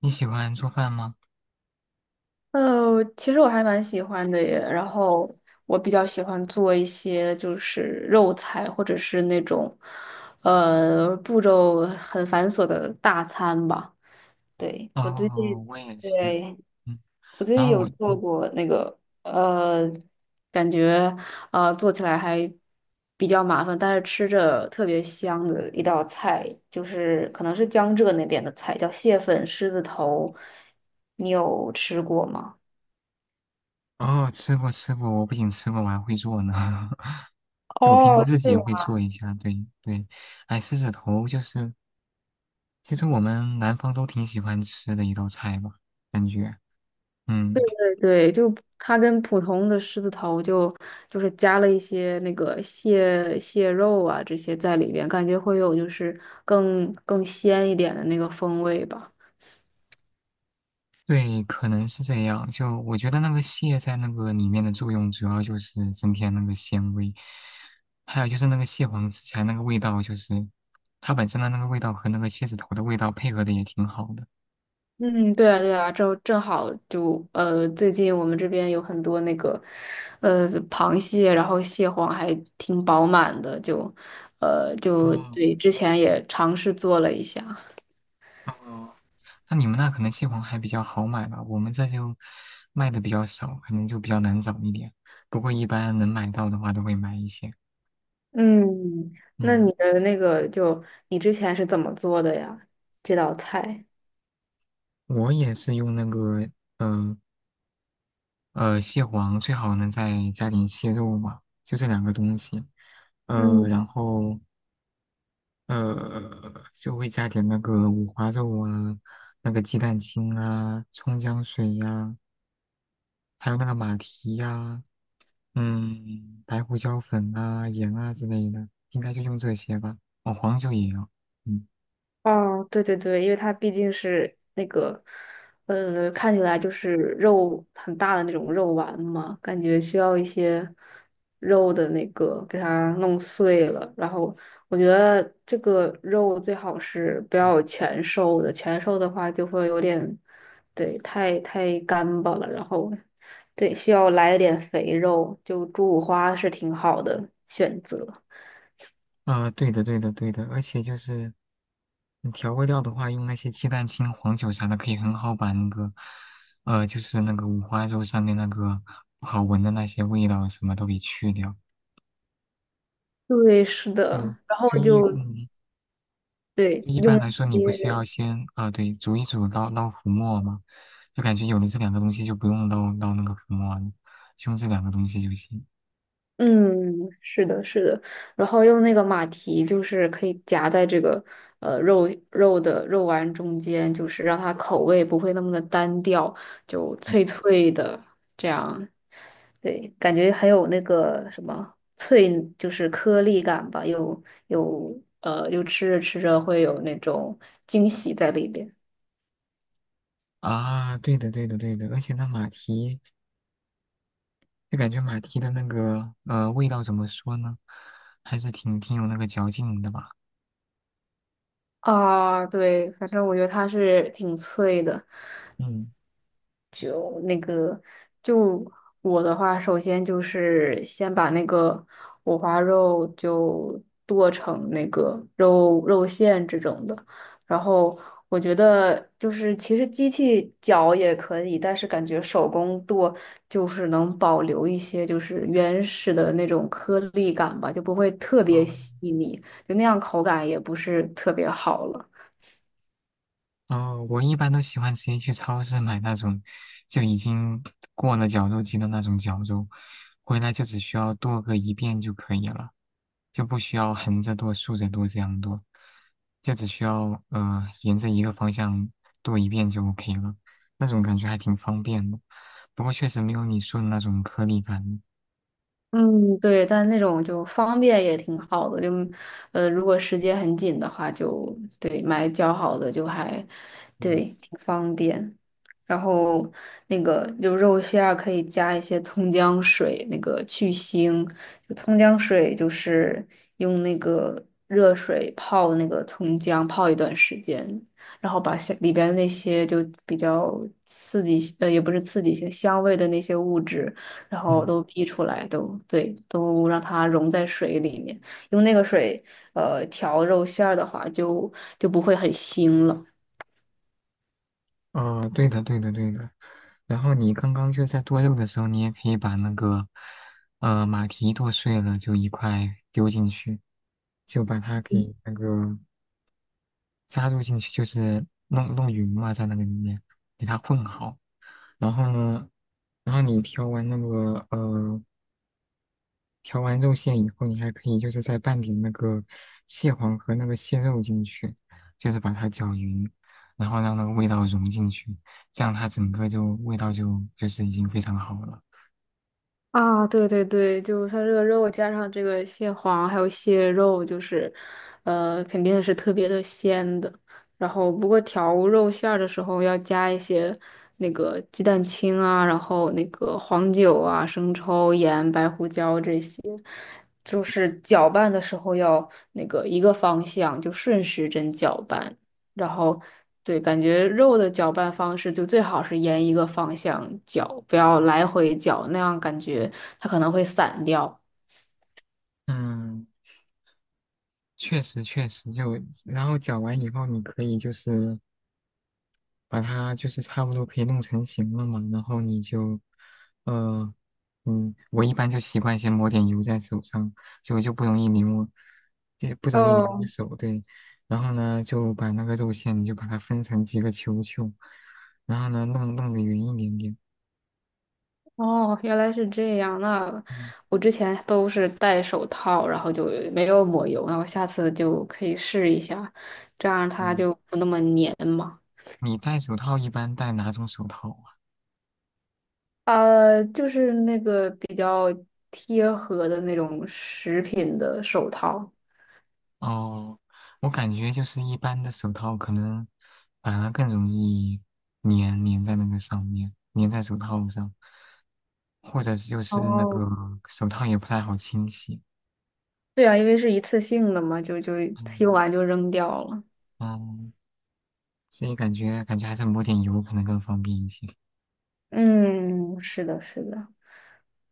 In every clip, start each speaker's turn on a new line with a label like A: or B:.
A: 你喜欢做饭吗？
B: 其实我还蛮喜欢的耶。然后我比较喜欢做一些就是肉菜，或者是那种步骤很繁琐的大餐吧。对，我最近，
A: 哦，我也是。
B: 对，
A: 嗯，
B: 我最
A: 然
B: 近
A: 后
B: 有
A: 我
B: 做过那个呃，感觉做起来还比较麻烦，但是吃着特别香的一道菜，就是可能是江浙那边的菜，叫蟹粉狮子头。你有吃过吗？
A: 哦吃过吃过，我不仅吃过，我还会做呢。就我平时
B: 哦，
A: 自己
B: 是
A: 也
B: 吗？
A: 会做一下，对对。哎，狮子头就是，其实我们南方都挺喜欢吃的一道菜吧，感觉，嗯，
B: 对对，就它跟普通的狮子头就是加了一些那个蟹肉啊这些在里边，感觉会有就是更鲜一点的那个风味吧。
A: 对，可能是这样。就我觉得那个蟹在那个里面的作用，主要就是增添那个鲜味，还有就是那个蟹黄吃起来那个味道，就是它本身的那个味道和那个蟹子头的味道配合的也挺好的。
B: 嗯，对啊对啊，正好就最近我们这边有很多那个螃蟹，然后蟹黄还挺饱满的，就就
A: 嗯。
B: 对，之前也尝试做了一下。
A: 哦，那你们那可能蟹黄还比较好买吧，我们这就卖的比较少，可能就比较难找一点。不过一般能买到的话都会买一些。
B: 嗯，那
A: 嗯，
B: 你的那个就你之前是怎么做的呀？这道菜？
A: 我也是用那个呃蟹黄，最好能再加点蟹肉吧，就这两个东西。
B: 嗯。
A: 然后就会加点那个五花肉啊，那个鸡蛋清啊，葱姜水呀、还有那个马蹄呀、嗯，白胡椒粉啊、盐啊之类的，应该就用这些吧。哦，黄酒也有。嗯。
B: 哦，对对对，因为它毕竟是那个，呃，看起来就是肉很大的那种肉丸嘛，感觉需要一些肉的那个给它弄碎了。然后我觉得这个肉最好是不要全瘦的，全瘦的话就会有点，对，太干巴了。然后，对，需要来一点肥肉，就猪五花是挺好的选择。
A: 啊，对的，对的，对的。而且就是嗯调味料的话，用那些鸡蛋清、黄酒啥的，可以很好把那个，就是那个五花肉上面那个不好闻的那些味道什么都给去掉。
B: 对，是
A: 对，
B: 的，然后
A: 就一
B: 就
A: 嗯，就
B: 对
A: 一
B: 用。
A: 般来说，你
B: 一
A: 不是要
B: 些。
A: 先啊、对，煮一煮捞浮沫吗？就感觉有了这两个东西，就不用捞那个浮沫了，就用这两个东西就行。
B: 嗯，是的，是的，然后用那个马蹄，就是可以夹在这个肉丸中间，就是让它口味不会那么的单调，就
A: 嗯
B: 脆脆的这样，对，感觉很有那个什么脆，就是颗粒感吧，有就吃着吃着会有那种惊喜在里边。
A: 啊，对的，对的，对的，而且那马蹄，就感觉马蹄的那个味道怎么说呢，还是挺有那个嚼劲的吧。
B: 啊，对，反正我觉得它是挺脆的。
A: 嗯，
B: 就那个，就我的话，首先就是先把那个五花肉就剁成那个肉馅这种的，然后我觉得就是其实机器搅也可以，但是感觉手工剁就是能保留一些就是原始的那种颗粒感吧，就不会特别
A: 哦，
B: 细腻，就那样口感也不是特别好了。
A: 哦，我一般都喜欢直接去超市买那种就已经过了绞肉机的那种绞肉，回来就只需要剁个一遍就可以了，就不需要横着剁、竖着剁这样剁，就只需要沿着一个方向剁一遍就 OK 了，那种感觉还挺方便的。不过确实没有你说的那种颗粒感。
B: 嗯，对，但那种就方便也挺好的，就如果时间很紧的话就，对买较好的就还对
A: 嗯，
B: 挺方便。然后那个就肉馅儿可以加一些葱姜水，那个去腥。就葱姜水就是用那个热水泡那个葱姜，泡一段时间，然后把下里边那些就比较刺激，也不是刺激性，香味的那些物质。然后
A: 嗯。
B: 都逼出来，都对，都让它溶在水里面，用那个水调肉馅儿的话就不会很腥了。
A: 啊、对的，对的，对的。然后你刚刚就在剁肉的时候，你也可以把那个马蹄剁碎了，就一块丢进去，就把它给那个加入进去，就是弄弄匀嘛，在那个里面给它混好。然后呢，然后你调完那个调完肉馅以后，你还可以就是再拌点那个蟹黄和那个蟹肉进去，就是把它搅匀，然后让那个味道融进去，这样它整个就味道就就是已经非常好了。
B: 啊，对对对，就是它这个肉加上这个蟹黄还有蟹肉，就是，呃，肯定是特别的鲜的。然后不过调肉馅儿的时候要加一些那个鸡蛋清啊，然后那个黄酒啊、生抽、盐、白胡椒这些，就是搅拌的时候要那个一个方向，就顺时针搅拌。然后对，感觉肉的搅拌方式就最好是沿一个方向搅，不要来回搅，那样感觉它可能会散掉。
A: 嗯，确实确实就，然后搅完以后，你可以就是把它就是差不多可以弄成型了嘛，然后你就，呃，嗯，我一般就习惯先抹点油在手上，就就不容易粘我，就不容易粘我
B: 哦
A: 手，对。然后呢，就把那个肉馅，你就把它分成几个球球，然后呢，弄弄得圆一点点。
B: 哦，原来是这样。那
A: 嗯，
B: 我之前都是戴手套，然后就没有抹油。那我下次就可以试一下，这样它
A: 对。
B: 就不那么粘嘛。
A: 你戴手套一般戴哪种手套啊
B: 呃，就是那个比较贴合的那种食品的手套。
A: 哦，我感觉就是一般的手套可能反而更容易粘在那个上面，粘在手套上，或者是就是那
B: 哦。
A: 个手套也不太好清洗。
B: 对啊，因为是一次性的嘛，就用
A: 嗯
B: 完就扔掉了。
A: 嗯，所以感觉还是抹点油可能更方便一些。
B: 嗯，是的，是的。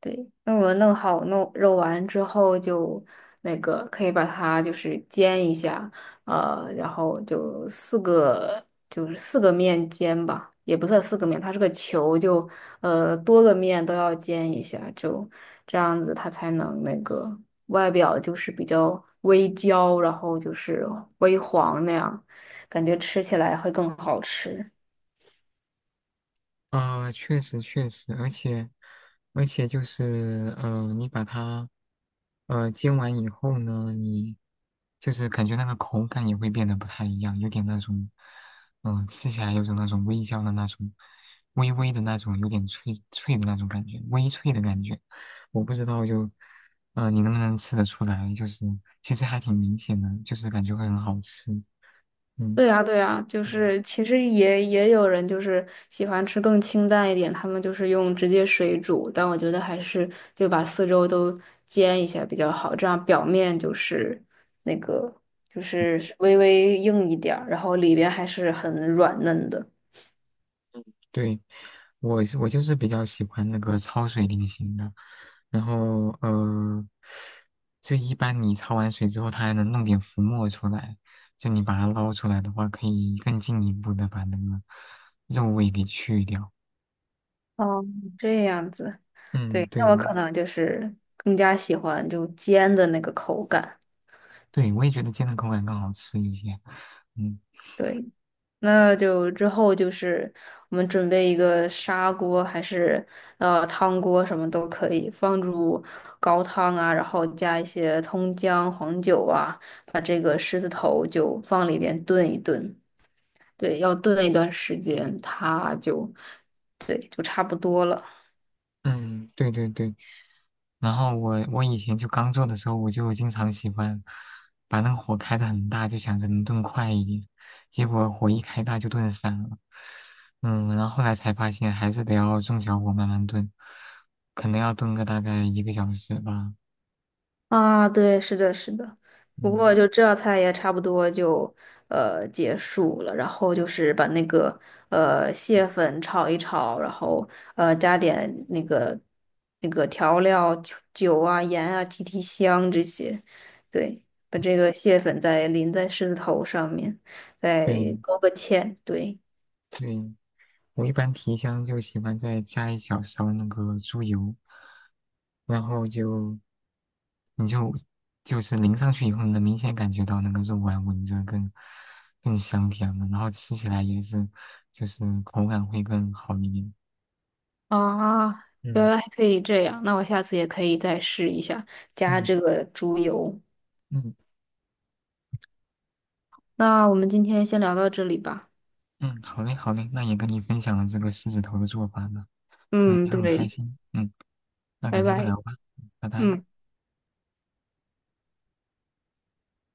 B: 对，那我弄好弄肉丸之后就那个可以把它就是煎一下，然后就四个就是四个面煎吧，也不算四个面，它是个球，就多个面都要煎一下，就这样子它才能那个外表就是比较微焦，然后就是微黄那样，感觉吃起来会更好吃。
A: 啊，确实确实，而且就是你把它煎完以后呢，你就是感觉那个口感也会变得不太一样，有点那种嗯、吃起来有种那种微焦的那种微微的那种有点脆脆的那种感觉，微脆的感觉，我不知道就你能不能吃得出来，就是其实还挺明显的，就是感觉会很好吃，嗯
B: 对呀，对呀，就
A: 嗯，
B: 是其实也有人就是喜欢吃更清淡一点，他们就是用直接水煮，但我觉得还是就把四周都煎一下比较好，这样表面就是那个就是微微硬一点儿，然后里边还是很软嫩的。
A: 对。我就是比较喜欢那个焯水类型的，然后就一般你焯完水之后，它还能弄点浮沫出来，就你把它捞出来的话，可以更进一步的把那个肉味给去掉。
B: 哦，这样子，
A: 嗯，
B: 对，
A: 对
B: 那我
A: 的，
B: 可能就是更加喜欢就煎的那个口感。
A: 对，我也觉得煎的口感更好吃一些。嗯
B: 对。那就之后就是我们准备一个砂锅，还是汤锅，什么都可以，放入高汤啊，然后加一些葱姜、黄酒啊，把这个狮子头就放里边炖一炖。对，要炖一段时间，它就对，就差不多了。
A: 嗯，对对对。然后我以前就刚做的时候，我就经常喜欢把那个火开的很大，就想着能炖快一点，结果火一开大就炖散了。嗯，然后后来才发现还是得要中小火慢慢炖，可能要炖个大概1个小时吧。
B: 啊，对，是的，是的。不过
A: 嗯，
B: 就这道菜也差不多就结束了，然后就是把那个蟹粉炒一炒，然后加点那个那个调料酒啊、盐啊提香这些，对，把这个蟹粉再淋在狮子头上面，
A: 对
B: 再勾个芡，对。
A: 对，我一般提香就喜欢再加一小勺那个猪油，然后就你就就是淋上去以后，你能明显感觉到那个肉丸闻着更更香甜了，然后吃起来也是就是口感会更好一点。
B: 啊，原
A: 嗯
B: 来还可以这样，那我下次也可以再试一下，加
A: 嗯
B: 这个猪油。
A: 嗯
B: 那我们今天先聊到这里吧。
A: 嗯，好嘞好嘞，那也跟你分享了这个狮子头的做法呢，嗯，
B: 嗯，
A: 也很开
B: 对，
A: 心，嗯，那改
B: 拜
A: 天再
B: 拜。
A: 聊吧，嗯拜拜。
B: 嗯。